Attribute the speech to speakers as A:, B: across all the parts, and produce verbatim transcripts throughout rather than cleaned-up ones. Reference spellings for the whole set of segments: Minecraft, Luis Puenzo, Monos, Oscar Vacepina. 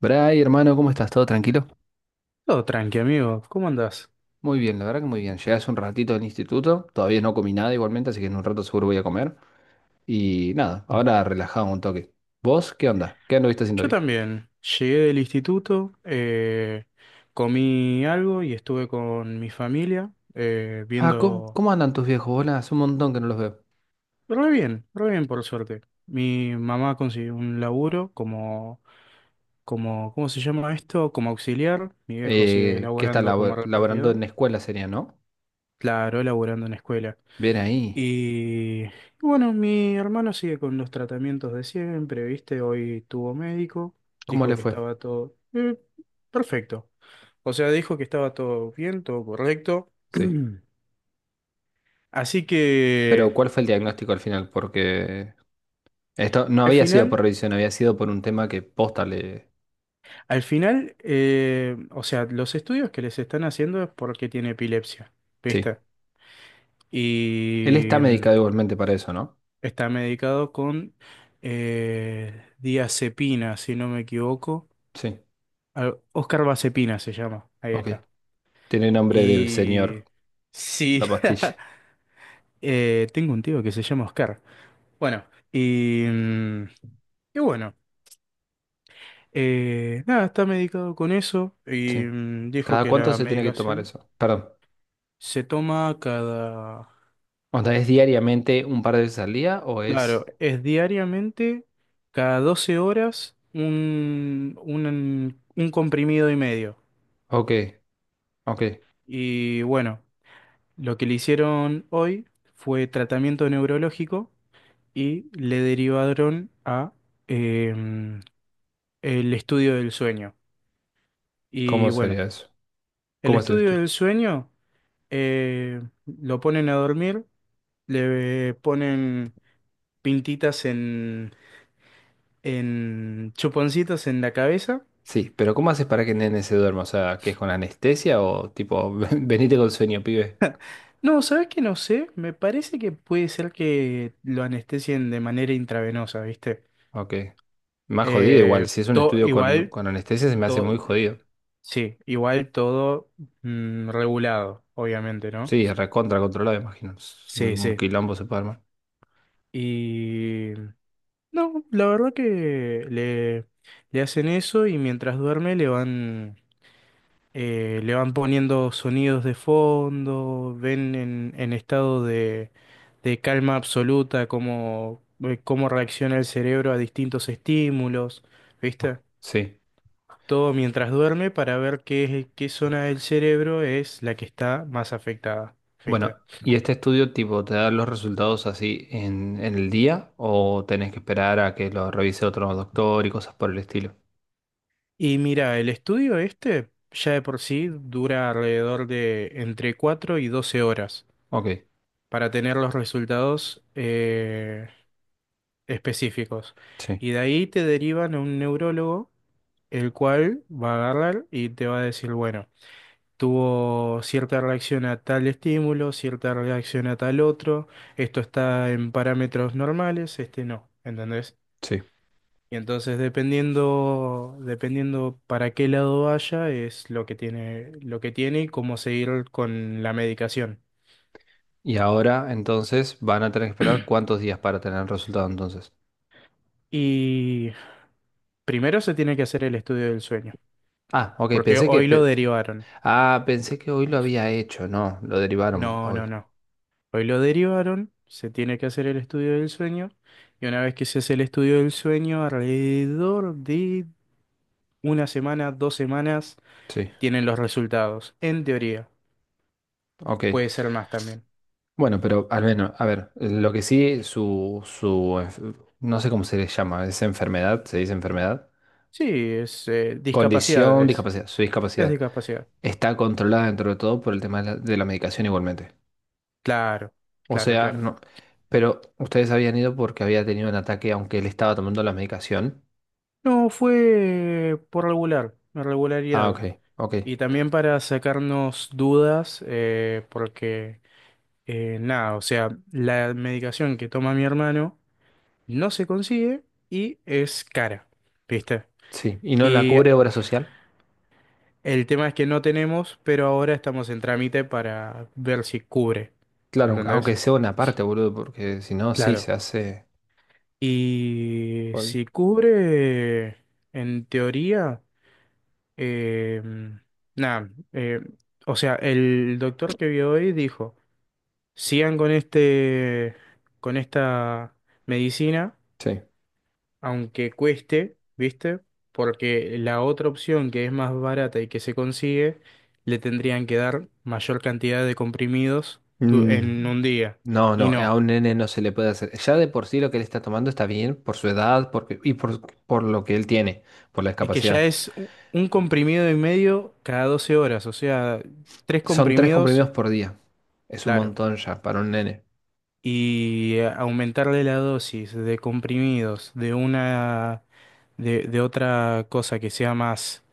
A: Bray, hermano, ¿cómo estás? ¿Todo tranquilo?
B: Todo tranqui, amigo. ¿Cómo andás?
A: Muy bien, la verdad que muy bien. Llegué hace un ratito del instituto, todavía no comí nada igualmente, así que en un rato seguro voy a comer. Y nada, ahora relajado un toque. ¿Vos qué onda? ¿Qué anduviste haciendo
B: Yo
A: hoy?
B: también. Llegué del instituto, eh, comí algo y estuve con mi familia eh,
A: Ah, ¿cómo,
B: viendo.
A: cómo andan tus viejos? Hola, hace un montón que no los veo.
B: Re bien, re bien por suerte. Mi mamá consiguió un laburo como, como, ¿cómo se llama esto? Como auxiliar. Mi viejo sigue
A: Eh, ¿qué está
B: laburando como
A: labo- laborando en
B: repartidor.
A: la escuela sería, no?
B: Claro, laburando en escuela.
A: Bien ahí.
B: Y bueno, mi hermano sigue con los tratamientos de siempre, ¿viste? Hoy tuvo médico,
A: ¿Cómo
B: dijo
A: le
B: que
A: fue?
B: estaba todo eh, perfecto. O sea, dijo que estaba todo bien, todo correcto.
A: Sí.
B: Así que
A: Pero ¿cuál fue el diagnóstico al final? Porque esto no
B: al
A: había sido por
B: final,
A: revisión, había sido por un tema que posta le...
B: al final, eh, o sea, los estudios que les están haciendo es porque tiene epilepsia,
A: Sí.
B: ¿viste?
A: Él está
B: Y mm,
A: medicado igualmente para eso, ¿no?
B: está medicado con eh, diazepina, si no me equivoco.
A: Sí.
B: Al- Oscar Vacepina se llama. Ahí
A: Ok.
B: está.
A: Tiene nombre de señor,
B: Y sí,
A: la pastilla.
B: eh, tengo un tío que se llama Oscar. Bueno, y, mm, y bueno, eh, nada, está medicado con eso y
A: Sí.
B: mm, dijo
A: ¿Cada
B: que
A: cuánto
B: la
A: se tiene que tomar
B: medicación
A: eso? Perdón.
B: se toma cada,
A: O sea, ¿es diariamente un par de veces al día o
B: claro,
A: es...?
B: es diariamente, cada doce horas, un, un, un comprimido y medio.
A: Ok, ok.
B: Y bueno, lo que le hicieron hoy fue tratamiento neurológico y le derivaron a em, el estudio del sueño.
A: ¿Cómo
B: Y bueno,
A: sería eso?
B: el
A: ¿Cómo es el
B: estudio
A: estudio?
B: del sueño eh, lo ponen a dormir, le ponen pintitas en, en chuponcitos en la cabeza.
A: Sí, pero ¿cómo haces para que el nene se duerma? O sea, ¿que es con anestesia o tipo, "Ven- venite con sueño, pibe?
B: No, ¿sabes qué? No sé, me parece que puede ser que lo anestesien de manera intravenosa, ¿viste?
A: Ok. Más jodido igual.
B: Eh,
A: Si es un
B: to-
A: estudio con,
B: igual,
A: con anestesia se me hace muy
B: todo,
A: jodido.
B: sí, igual todo mm, regulado, obviamente, ¿no?
A: Sí, recontra controlado, imagino. Es
B: Sí,
A: un
B: sí.
A: quilombo se puede armar.
B: Y no, la verdad que le, le hacen eso y mientras duerme le van, eh, le van poniendo sonidos de fondo, ven en, en estado de, de calma absoluta cómo, eh, cómo reacciona el cerebro a distintos estímulos,
A: Ok,
B: ¿viste?
A: sí.
B: Todo mientras duerme para ver qué, qué zona del cerebro es la que está más afectada,
A: Bueno,
B: ¿viste?
A: ¿y este estudio tipo te da los resultados así en, en el día o tenés que esperar a que lo revise otro doctor y cosas por el estilo?
B: Y mira, el estudio este ya de por sí dura alrededor de entre cuatro y doce horas
A: Ok,
B: para tener los resultados eh, específicos.
A: sí,
B: Y de ahí te derivan a un neurólogo, el cual va a agarrar y te va a decir, bueno, tuvo cierta reacción a tal estímulo, cierta reacción a tal otro, esto está en parámetros normales, este no, ¿entendés?
A: sí.
B: Y entonces dependiendo, dependiendo para qué lado vaya, es lo que tiene, lo que tiene y cómo seguir con la medicación.
A: Y ahora entonces van a tener que esperar cuántos días para tener el resultado entonces.
B: Y primero se tiene que hacer el estudio del sueño,
A: Ah, ok,
B: porque
A: pensé que...
B: hoy lo
A: pe-
B: derivaron.
A: ah, pensé que hoy lo había hecho, no, lo derivaron
B: No, no,
A: hoy.
B: no. Hoy lo derivaron, se tiene que hacer el estudio del sueño, y una vez que se hace el estudio del sueño, alrededor de una semana, dos semanas,
A: Sí,
B: tienen los resultados, en teoría.
A: ok.
B: Puede ser más también.
A: Bueno, pero al menos, a ver, lo que sí, su, su, enf- no sé cómo se le llama, es enfermedad, se dice enfermedad.
B: Sí, es eh,
A: Condición,
B: discapacidades.
A: discapacidad, su
B: Es de
A: discapacidad.
B: discapacidad.
A: Está controlada dentro de todo por el tema de la, de la medicación igualmente.
B: Claro,
A: O
B: claro,
A: sea,
B: claro.
A: no. Pero ustedes habían ido porque había tenido un ataque, aunque él estaba tomando la medicación.
B: No, fue por regular,
A: Ah,
B: regularidad.
A: ok, ok.
B: Y también para sacarnos dudas, eh, porque eh, nada, o sea, la medicación que toma mi hermano no se consigue y es cara, ¿viste?
A: Sí. ¿Y no la
B: Y
A: cubre obra social?
B: el tema es que no tenemos, pero ahora estamos en trámite para ver si cubre,
A: Claro, aunque aunque
B: ¿entendés?
A: sea una parte, boludo, porque si no, sí,
B: Claro.
A: se hace
B: Y
A: jodido.
B: si cubre, en teoría. Eh, nada, eh, o sea, el doctor que vio hoy dijo, sigan con este, con esta medicina,
A: Sí.
B: aunque cueste, ¿viste? Porque la otra opción que es más barata y que se consigue, le tendrían que dar mayor cantidad de comprimidos tu- en
A: Mm,
B: un día.
A: no,
B: Y
A: no, a
B: no,
A: un nene no se le puede hacer. Ya de por sí lo que él está tomando está bien por su edad porque, y por, por lo que él tiene, por la
B: es que ya
A: discapacidad.
B: es u- un comprimido y medio cada doce horas, o sea, tres
A: Son tres
B: comprimidos,
A: comprimidos por día. Es un
B: claro.
A: montón ya para un nene.
B: Y eh, aumentarle la dosis de comprimidos de una de, de otra cosa que sea más,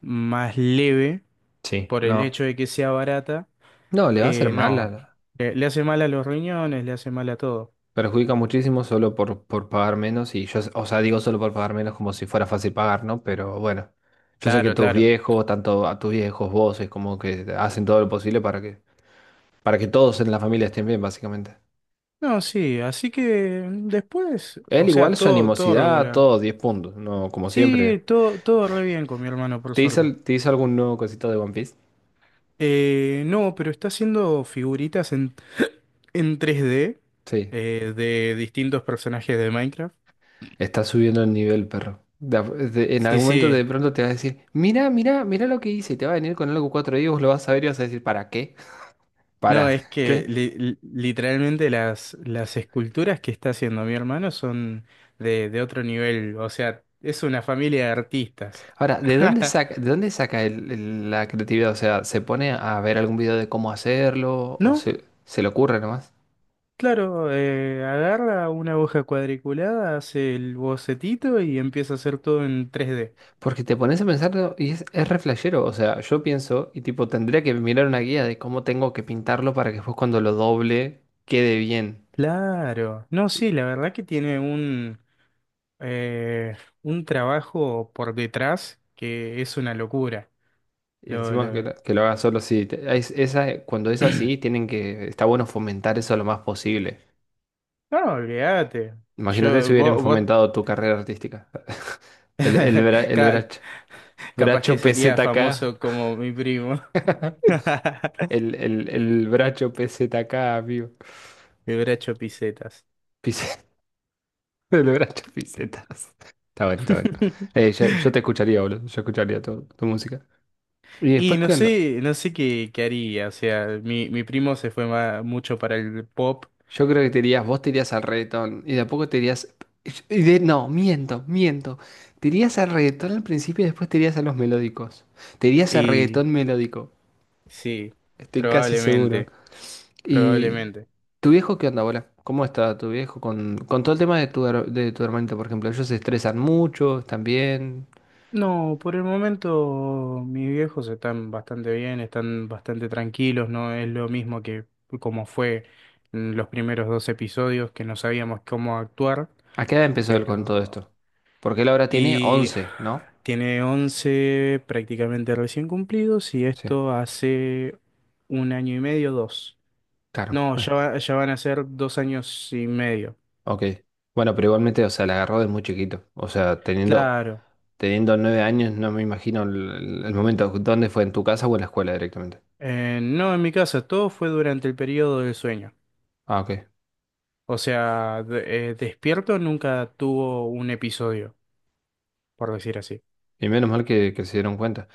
B: más leve
A: Sí,
B: por el
A: no.
B: hecho de que sea barata,
A: No, le va a hacer
B: eh,
A: mal. a
B: no.
A: la-
B: Le, le hace mal a los riñones, le hace mal a todo.
A: Perjudica muchísimo solo por, por pagar menos. Y yo, o sea, digo solo por pagar menos como si fuera fácil pagar, ¿no? Pero bueno, yo sé que
B: Claro,
A: tus
B: claro.
A: viejos, tanto a tus viejos, vos, es como que hacen todo lo posible para que, para que todos en la familia estén bien, básicamente.
B: No, sí, así que mm, después,
A: Él
B: o
A: igual,
B: sea,
A: su
B: todo, todo
A: animosidad,
B: regular.
A: todo diez puntos, ¿no? Como siempre.
B: Sí, todo, todo re bien con mi hermano, por
A: ¿Te hizo,
B: suerte.
A: te hizo algún nuevo cosito de One Piece?
B: Eh, no, pero está haciendo figuritas en en tres d
A: Sí.
B: eh, de distintos personajes de Minecraft.
A: Está subiendo el nivel, perro. De a- de- en
B: Sí,
A: algún momento
B: sí.
A: de pronto te vas a decir, mira, mira, mira lo que hice. Y te va a venir con algo cuatro y vos lo vas a ver y vas a decir, ¿para qué?
B: No,
A: ¿Para
B: es que
A: qué?
B: li- li- literalmente las, las esculturas que está haciendo mi hermano son de, de otro nivel. O sea, es una familia de artistas.
A: Ahora, ¿de dónde saca, de dónde saca el- el- la creatividad? O sea, ¿se pone a ver algún video de cómo hacerlo? ¿O
B: No,
A: se, se le ocurre nomás?
B: claro, eh, agarra una hoja cuadriculada, hace el bocetito y empieza a hacer todo en tres d.
A: Porque te pones a pensarlo y es, es re flashero. O sea, yo pienso y tipo, tendría que mirar una guía de cómo tengo que pintarlo para que después cuando lo doble quede bien.
B: Claro. No, sí, la verdad que tiene eh, un trabajo por detrás que es una locura.
A: Y
B: Lo,
A: encima que
B: lo-
A: lo, que lo haga solo, sí. te- es- esa, cuando es así, tienen que, está bueno fomentar eso lo más posible.
B: No, olvídate.
A: Imagínate si
B: Yo,
A: hubieran
B: vos, vos-
A: fomentado tu carrera artística. El, el, bra- el
B: ca-
A: bracho,
B: capaz que
A: bracho
B: sería
A: P Z K.
B: famoso como mi primo.
A: El, el, el bracho P Z K, amigo.
B: Me hubiera hecho pisetas.
A: Pis- El bracho pisetas. Está bueno, está bueno. Eh, yo, yo te escucharía, boludo. Yo escucharía tu, tu música. Y
B: Y
A: después,
B: no
A: ¿qué onda?
B: sé, no sé qué, qué haría. O sea, mi, mi primo se fue ma- mucho para el pop
A: Yo creo que te irías, vos te irías al reggaetón y de a poco te irías. Y de- no, miento, miento. Te irías al reggaetón al principio y después te irías a los melódicos. Te irías al
B: y
A: reggaetón melódico,
B: sí,
A: estoy casi seguro.
B: probablemente,
A: ¿Y
B: probablemente.
A: tu viejo qué onda, bola? ¿Cómo está tu viejo con, con todo el tema de tu, her- de tu hermanito, por ejemplo? ¿Ellos se estresan mucho también?
B: No, por el momento mis viejos están bastante bien, están bastante tranquilos, no es lo mismo que como fue en los primeros dos episodios que no sabíamos cómo actuar,
A: ¿A qué edad empezó él con todo
B: pero.
A: esto? Porque él ahora tiene
B: Y
A: once, ¿no?
B: tiene once prácticamente recién cumplidos y
A: Sí,
B: esto hace un año y medio, dos.
A: claro.
B: No, ya,
A: Bueno,
B: va- ya van a ser dos años y medio.
A: ok. Bueno, pero igualmente, o sea, la agarró de muy chiquito. O sea, teniendo
B: Claro.
A: teniendo nueve años, no me imagino el, el momento. ¿Dónde fue? ¿En tu casa o en la escuela directamente?
B: Eh, no, en mi casa, todo fue durante el periodo del sueño.
A: Ah, ok.
B: O sea, de- eh, Despierto nunca tuvo un episodio, por decir así.
A: Y menos mal que, que se dieron cuenta.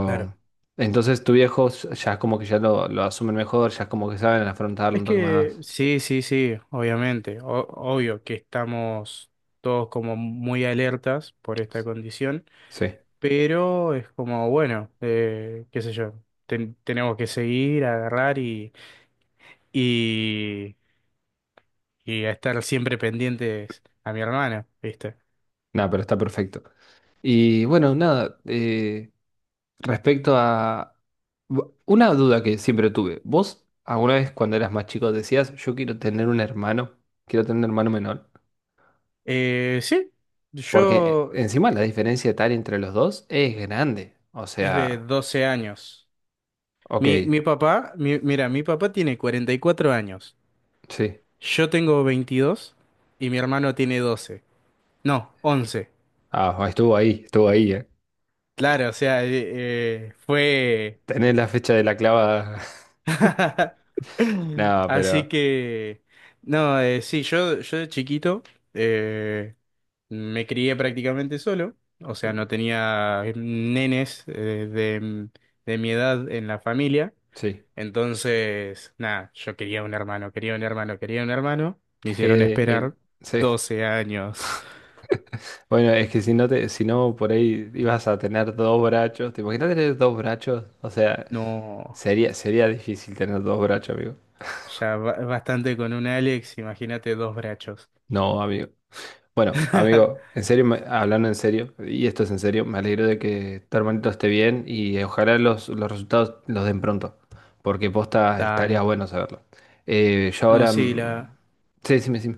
B: Claro.
A: entonces tu viejo ya es como que ya lo, lo asumen mejor, ya es como que saben afrontarlo
B: Es
A: un toque
B: que
A: más.
B: sí, sí, sí, obviamente. O- obvio que estamos todos como muy alertas por esta condición,
A: Sí,
B: pero es como, bueno, eh, qué sé yo, ten- tenemos que seguir, agarrar y, y, y a estar siempre pendientes a mi hermana, ¿viste?
A: nada, pero está perfecto. Y bueno, nada, eh, respecto a... bu- una duda que siempre tuve. ¿Vos alguna vez cuando eras más chico decías, yo quiero tener un hermano? Quiero tener un hermano menor.
B: Eh, sí,
A: Porque eh,
B: yo
A: encima la diferencia tal entre los dos es grande. O
B: es de
A: sea,
B: doce años.
A: ok,
B: Mi, mi papá, mi- mira, mi papá tiene cuarenta y cuatro años,
A: sí.
B: yo tengo veintidós y mi hermano tiene doce. No, once.
A: Ah, estuvo ahí, estuvo ahí, eh.
B: Claro, o sea, eh, eh, fue.
A: Tenés la fecha de la clavada. Nada,
B: Así
A: pero
B: que, no, eh, sí, yo, yo de chiquito eh, me crié prácticamente solo, o sea,
A: eh,
B: no tenía nenes eh, de, de mi edad en la familia.
A: sí.
B: Entonces, nada, yo quería un hermano, quería un hermano, quería un hermano. Me
A: G
B: hicieron
A: de-
B: esperar
A: el- sí.
B: doce años.
A: Bueno, es que si no te, si no por ahí ibas a tener dos brazos. ¿Te imaginas tener dos brazos? O sea,
B: No,
A: sería, sería difícil tener dos brazos, amigo.
B: ya ba- bastante con un Alex, imagínate dos brachos.
A: No, amigo. Bueno, amigo, en serio, me- hablando en serio, y esto es en serio, me alegro de que tu hermanito esté bien y ojalá los, los resultados los den pronto, porque posta estaría
B: Dale.
A: bueno saberlo. Eh, yo
B: No,
A: ahora...
B: sí,
A: mm,
B: la...
A: sí, sí, sí.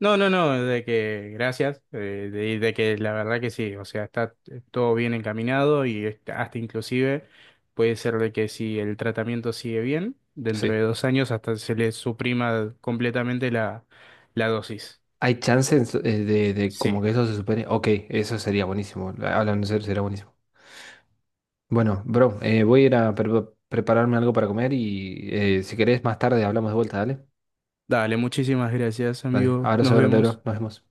B: no, no, no, de que gracias, eh, de, de que la verdad que sí, o sea, está todo bien encaminado y está- hasta inclusive puede ser de que si el tratamiento sigue bien, dentro de
A: Sí.
B: dos años hasta se le suprima completamente la, la dosis.
A: ¿Hay chances eh, de, de como
B: Sí.
A: que eso se supere? Ok, eso sería buenísimo. Hablando en serio, sería buenísimo. Bueno, bro, eh, voy a ir a pre- prepararme algo para comer y eh, si querés más tarde hablamos de vuelta, dale.
B: Dale, muchísimas gracias,
A: Dale,
B: amigo. Nos
A: abrazo grande, bro.
B: vemos.
A: Nos vemos.